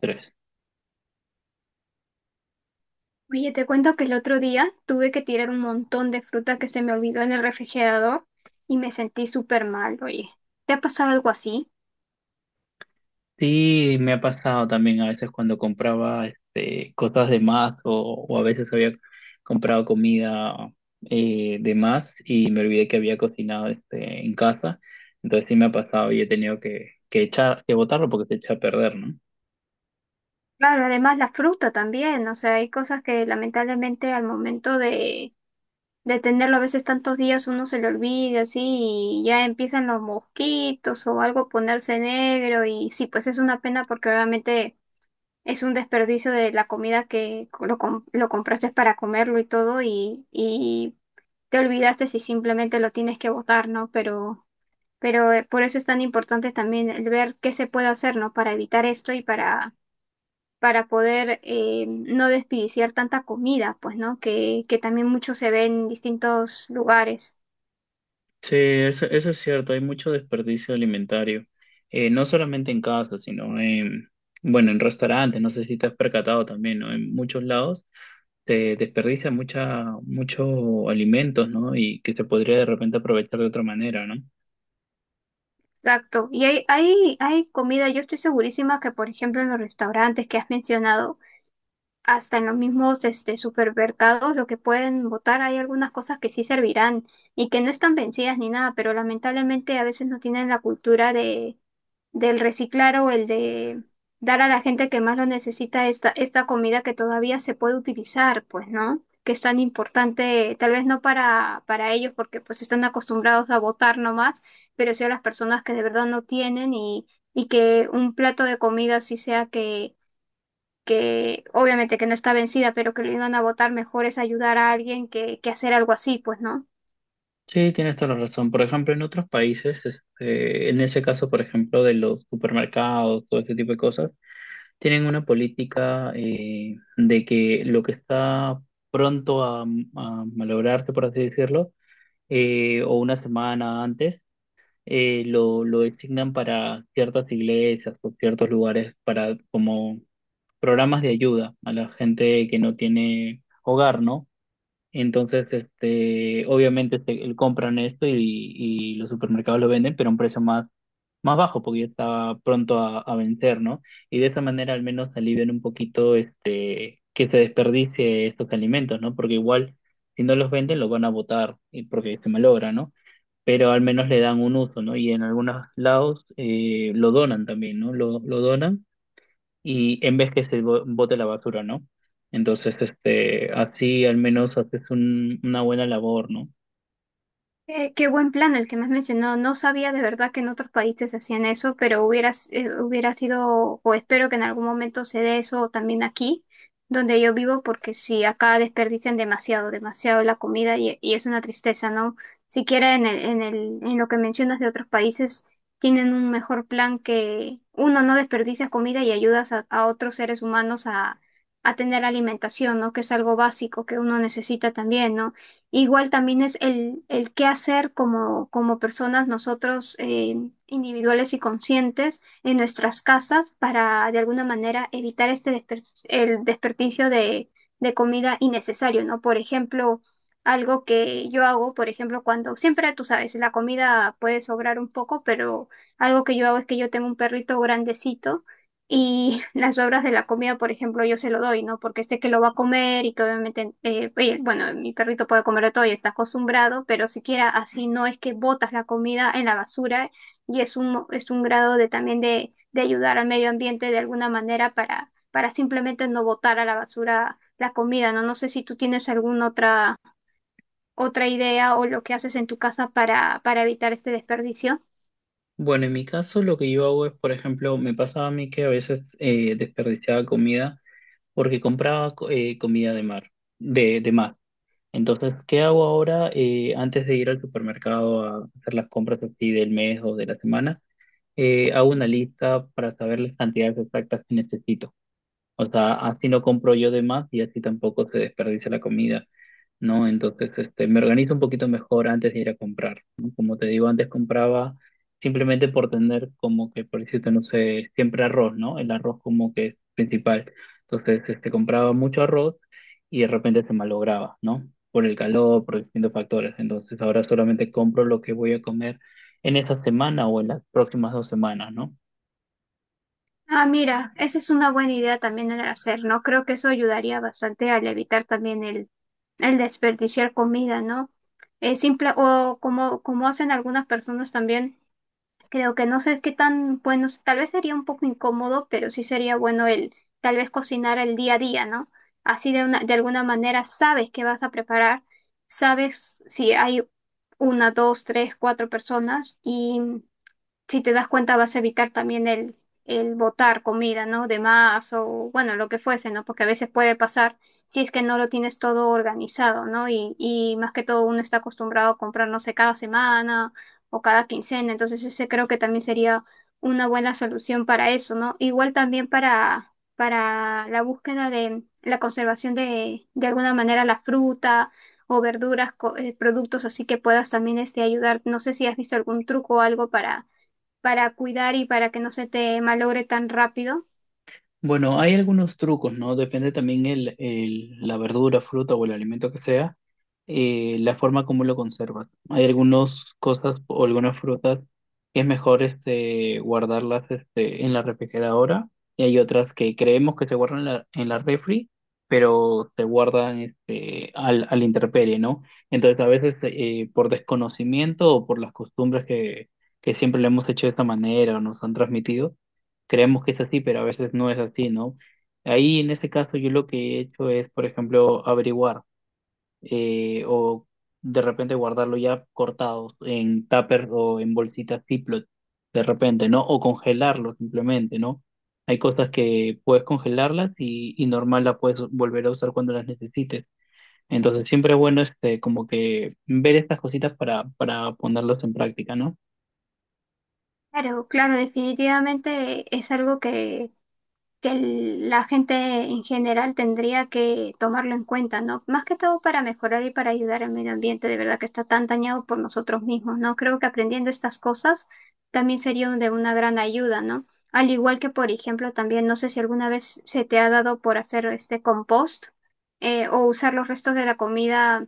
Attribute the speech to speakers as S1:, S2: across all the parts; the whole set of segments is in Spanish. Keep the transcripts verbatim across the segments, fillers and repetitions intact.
S1: Tres.
S2: Oye, te cuento que el otro día tuve que tirar un montón de fruta que se me olvidó en el refrigerador y me sentí súper mal, oye. ¿Te ha pasado algo así?
S1: Sí, me ha pasado también a veces cuando compraba este, cosas de más o, o a veces había comprado comida eh, de más y me olvidé que había cocinado este, en casa. Entonces sí me ha pasado y he tenido que, que echar, que botarlo porque se echa a perder, ¿no?
S2: Claro, además la fruta también, o sea, hay cosas que lamentablemente al momento de, de tenerlo a veces tantos días uno se le olvida así y ya empiezan los mosquitos o algo a ponerse negro y sí, pues es una pena porque obviamente es un desperdicio de la comida que lo, com- lo compraste para comerlo y todo y, y te olvidaste si simplemente lo tienes que botar, ¿no? Pero, pero eh, por eso es tan importante también el ver qué se puede hacer, ¿no? Para evitar esto y para, para poder eh, no desperdiciar tanta comida, pues, ¿no? Que, que también mucho se ve en distintos lugares.
S1: Sí, eso, eso es cierto, hay mucho desperdicio alimentario, eh, no solamente en casa, sino en, bueno, en restaurantes, no sé si te has percatado también, ¿no? En muchos lados se desperdicia mucha, mucho alimentos, ¿no? Y que se podría de repente aprovechar de otra manera, ¿no?
S2: Exacto. Y hay, hay, hay comida, yo estoy segurísima que, por ejemplo, en los restaurantes que has mencionado, hasta en los mismos este, supermercados, lo que pueden votar, hay algunas cosas que sí servirán y que no están vencidas ni nada, pero lamentablemente a veces no tienen la cultura de, del reciclar o el de dar a la gente que más lo necesita esta, esta comida que todavía se puede utilizar, pues, ¿no? Que es tan importante, tal vez no para, para ellos porque pues están acostumbrados a votar nomás, pero sí a las personas que de verdad no tienen y, y que un plato de comida sí sea que que obviamente que no está vencida, pero que lo iban a votar mejor es ayudar a alguien que, que hacer algo así, pues, ¿no?
S1: Sí, tienes toda la razón. Por ejemplo, en otros países, este, en ese caso, por ejemplo, de los supermercados, todo ese tipo de cosas, tienen una política eh, de que lo que está pronto a, a malograrse, por así decirlo, eh, o una semana antes, eh, lo, lo designan para ciertas iglesias o ciertos lugares para como programas de ayuda a la gente que no tiene hogar, ¿no? Entonces, este, obviamente se- el- compran esto y, y los supermercados lo venden, pero a un precio más, más bajo, porque ya estaba pronto a, a vencer, ¿no? Y de esa manera al menos alivian un poquito este, que se desperdicie estos alimentos, ¿no? Porque igual, si no los venden, los van a botar, y porque se malogra, ¿no? Pero al menos le dan un uso, ¿no? Y en algunos lados eh, lo donan también, ¿no? Lo, lo donan y en vez que se bo- bote la basura, ¿no? Entonces, este, así al menos haces un- una buena labor, ¿no?
S2: Eh, qué buen plan el que me has mencionado. No sabía de verdad que en otros países hacían eso, pero hubiera, s- eh, hubiera sido, o espero que en algún momento se dé eso también aquí, donde yo vivo, porque si acá desperdician demasiado, demasiado la comida y, y es una tristeza, ¿no? Siquiera en el, en el, en lo que mencionas de otros países, tienen un mejor plan que uno no desperdicia comida y ayudas a, a otros seres humanos a, a tener alimentación, ¿no? Que es algo básico que uno necesita también, ¿no? Igual también es el, el qué hacer como, como personas nosotros eh, individuales y conscientes en nuestras casas para de alguna manera evitar este desper- el desperdicio de, de comida innecesario, ¿no? Por ejemplo, algo que yo hago, por ejemplo, cuando siempre, tú sabes, la comida puede sobrar un poco, pero algo que yo hago es que yo tengo un perrito grandecito y las obras de la comida, por ejemplo, yo se lo doy, ¿no? Porque sé que lo va a comer y que obviamente, eh, oye, bueno, mi perrito puede comer de todo y está acostumbrado, pero siquiera así no es que botas la comida en la basura y es un, es un grado de también de, de ayudar al medio ambiente de alguna manera para, para simplemente no botar a la basura la comida, ¿no? No sé si tú tienes alguna otra, otra idea o lo que haces en tu casa para, para evitar este desperdicio.
S1: Bueno, en mi caso lo que yo hago es, por ejemplo, me pasaba a mí que a veces eh, desperdiciaba comida porque compraba co- eh, comida de mar, de, de mar. Entonces, ¿qué hago ahora eh, antes de ir al supermercado a hacer las compras así del mes o de la semana? Eh, hago una lista para saber las cantidades exactas que necesito. O sea, así no compro yo de más y así tampoco se desperdicia la comida, ¿no? Entonces, este, me organizo un poquito mejor antes de ir a comprar, ¿no? Como te digo, antes compraba simplemente por tener como que, por decirte, no sé, siempre arroz, ¿no? El arroz como que es principal. Entonces, este, compraba mucho arroz y de repente se malograba, ¿no? Por el calor, por distintos factores. Entonces, ahora solamente compro lo que voy a comer en esta semana o en las próximas dos semanas, ¿no?
S2: Ah, mira, esa es una buena idea también el hacer, ¿no? Creo que eso ayudaría bastante al evitar también el, el desperdiciar comida, ¿no? Eh, simple, o como, como hacen algunas personas también, creo que no sé qué tan bueno, tal vez sería un poco incómodo, pero sí sería bueno el tal vez cocinar el día a día, ¿no? Así de una, de alguna manera sabes qué vas a preparar, sabes si hay una, dos, tres, cuatro personas y si te das cuenta, vas a evitar también el, el botar comida, ¿no? De más o, bueno, lo que fuese, ¿no? Porque a veces puede pasar si es que no lo tienes todo organizado, ¿no? Y, y más que todo uno está acostumbrado a comprar, no sé, cada semana o cada quincena. Entonces, ese creo que también sería una buena solución para eso, ¿no? Igual también para, para la búsqueda de la conservación de, de alguna manera, la fruta o verduras, co- eh, productos así que puedas también este, ayudar. No sé si has visto algún truco o algo para para cuidar y para que no se te malogre tan rápido.
S1: Bueno, hay algunos trucos, ¿no? Depende también el, el- la verdura, fruta o el alimento que sea eh, la forma como lo conservas. ¿No? Hay algunas cosas o algunas frutas que es mejor este, guardarlas este, en la refrigeradora y hay otras que creemos que se guardan en la, en la refri, pero se guardan este, al, al intemperie, ¿no? Entonces a veces eh, por desconocimiento o por las costumbres que, que siempre le hemos hecho de esta manera o nos han transmitido, creemos que es así, pero a veces no es así, ¿no? Ahí en este caso yo lo que he hecho es, por ejemplo, averiguar eh, o de repente guardarlo ya cortado en tupper o en bolsitas Ziploc, de repente, ¿no? O congelarlo simplemente, ¿no? Hay cosas que puedes congelarlas y, y normal las puedes volver a usar cuando las necesites. Entonces siempre es bueno este, como que ver estas cositas para, para ponerlas en práctica, ¿no?
S2: Claro, claro, definitivamente es algo que que el- la gente en general tendría que tomarlo en cuenta, ¿no? Más que todo para mejorar y para ayudar al medio ambiente, de verdad que está tan dañado por nosotros mismos, ¿no? Creo que aprendiendo estas cosas también sería de una gran ayuda, ¿no? Al igual que, por ejemplo, también no sé si alguna vez se te ha dado por hacer este compost eh, o usar los restos de la comida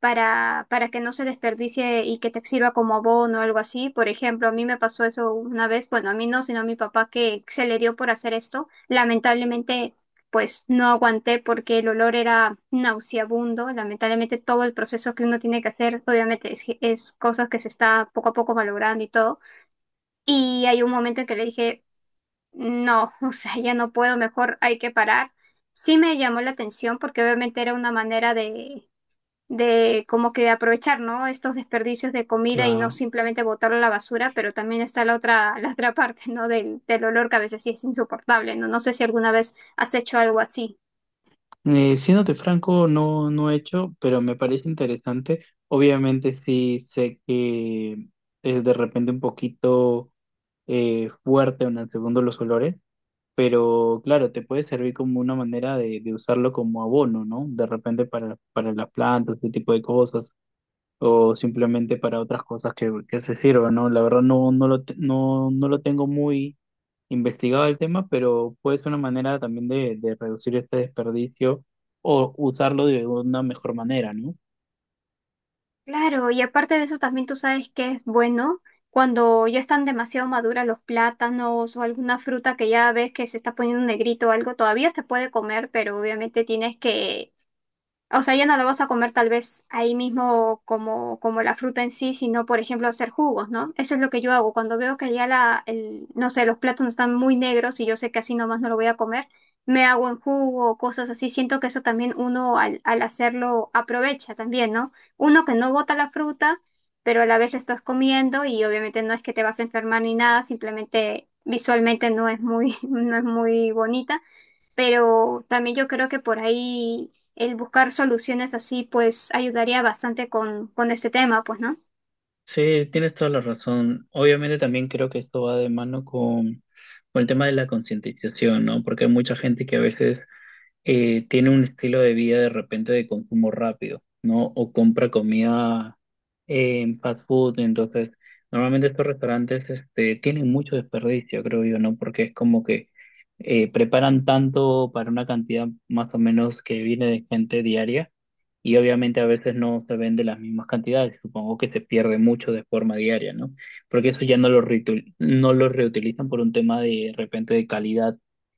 S2: para, para que no se desperdicie y que te sirva como abono o algo así. Por ejemplo, a mí me pasó eso una vez, bueno, a mí no, sino a mi papá que se le dio por hacer esto. Lamentablemente, pues no aguanté porque el olor era nauseabundo. Lamentablemente, todo el proceso que uno tiene que hacer, obviamente, es, es cosas que se está poco a poco valorando y todo. Y hay un momento en que le dije, no, o sea, ya no puedo, mejor hay que parar. Sí me llamó la atención porque obviamente era una manera de de como que aprovechar, ¿no? Estos desperdicios de comida y no
S1: Claro.
S2: simplemente botarlo a la basura, pero también está la otra, la otra parte, ¿no? Del, del olor que a veces sí es insoportable, ¿no? No sé si alguna vez has hecho algo así.
S1: Eh, siéndote franco, no, no he hecho, pero me parece interesante. Obviamente sí sé que es de repente un poquito eh, fuerte en el segundo los olores, pero claro, te puede servir como una manera de, de usarlo como abono, ¿no? De repente para, para las plantas, este tipo de cosas, o simplemente para otras cosas que, que se sirvan, ¿no? La verdad no, no lo, te- no, no lo tengo investigado el tema, pero puede ser una manera también de, de reducir este desperdicio o usarlo de una mejor manera, ¿no?
S2: Claro, y aparte de eso también tú sabes que es bueno cuando ya están demasiado maduras los plátanos o alguna fruta que ya ves que se está poniendo negrito o algo, todavía se puede comer, pero obviamente tienes que, o sea, ya no lo vas a comer tal vez ahí mismo como, como la fruta en sí, sino por ejemplo hacer jugos, ¿no? Eso es lo que yo hago. Cuando veo que ya la, el, no sé, los plátanos están muy negros y yo sé que así nomás no lo voy a comer, me hago en jugo o cosas así. Siento que eso también uno al, al hacerlo aprovecha también, ¿no? Uno que no bota la fruta, pero a la vez la estás comiendo y obviamente no es que te vas a enfermar ni nada, simplemente visualmente no es muy, no es muy bonita, pero también yo creo que por ahí el buscar soluciones así pues ayudaría bastante con, con este tema, pues, ¿no?
S1: Sí, tienes toda la razón. Obviamente también creo que esto va de mano con, con el tema de la concientización, ¿no? Porque hay mucha gente que a veces eh, tiene un estilo de vida de repente de consumo rápido, ¿no? O compra comida eh, en fast food. Entonces, normalmente estos restaurantes este, tienen mucho desperdicio, creo yo, ¿no? Porque es como que eh, preparan tanto para una cantidad más o menos que viene de gente diaria y obviamente a veces no se vende las mismas cantidades. Supongo que se pierde mucho de forma diaria, ¿no? Porque eso ya no lo, reitu- no lo reutilizan por un tema de, de repente de calidad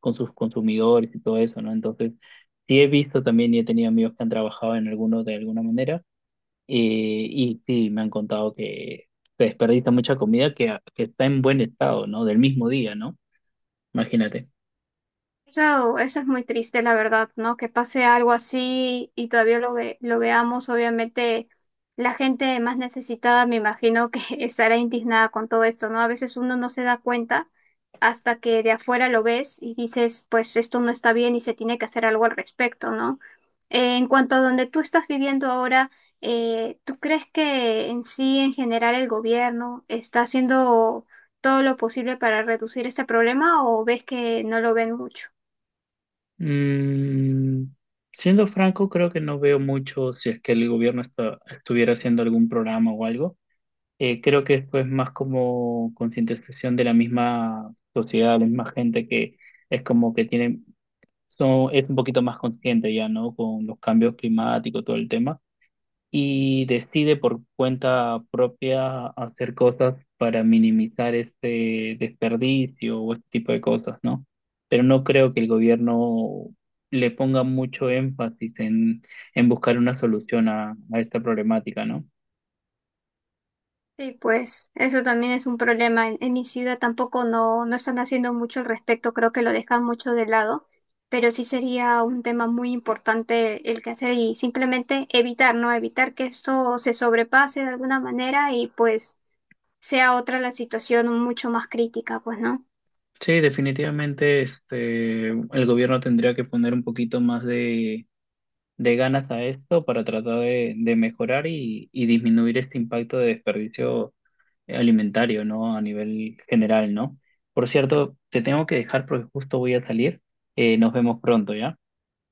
S1: con sus consumidores y todo eso, ¿no? Entonces, sí he visto también y he tenido amigos que han trabajado en alguno de alguna manera eh, y sí, me han contado que se desperdicia mucha comida que, que está en buen estado, ¿no? Del mismo día, ¿no? Imagínate.
S2: Eso, eso es muy triste, la verdad, ¿no? Que pase algo así y todavía lo ve, lo veamos. Obviamente, la gente más necesitada, me imagino que estará indignada con todo esto, ¿no? A veces uno no se da cuenta hasta que de afuera lo ves y dices, pues esto no está bien y se tiene que hacer algo al respecto, ¿no? Eh, en cuanto a donde tú estás viviendo ahora, eh, ¿tú crees que en sí, en general, el gobierno está haciendo todo lo posible para reducir este problema o ves que no lo ven mucho?
S1: Mm, siendo franco, creo que no veo mucho si es que el gobierno está- estuviera haciendo algún programa o algo. Eh, creo que esto es más como concientización de la misma sociedad, la misma gente que es como que tiene son, es un poquito más consciente ya, ¿no? Con los cambios climáticos, todo el tema, y decide por cuenta propia hacer cosas para minimizar este desperdicio o este tipo de cosas, ¿no? Pero no creo que el gobierno le ponga mucho énfasis en, en buscar una solución a, a esta problemática, ¿no?
S2: Sí, pues eso también es un problema. En, en mi ciudad tampoco no, no están haciendo mucho al respecto, creo que lo dejan mucho de lado, pero sí sería un tema muy importante el que hacer y simplemente evitar, ¿no? Evitar que esto se sobrepase de alguna manera y pues sea otra la situación mucho más crítica, pues, ¿no?
S1: Sí, definitivamente este, el gobierno tendría que poner un poquito más de de ganas a esto para tratar de, de mejorar y, y disminuir este impacto de desperdicio alimentario, ¿no? A nivel general, ¿no? Por cierto, te tengo que dejar porque justo voy a salir. Eh, nos vemos pronto, ¿ya?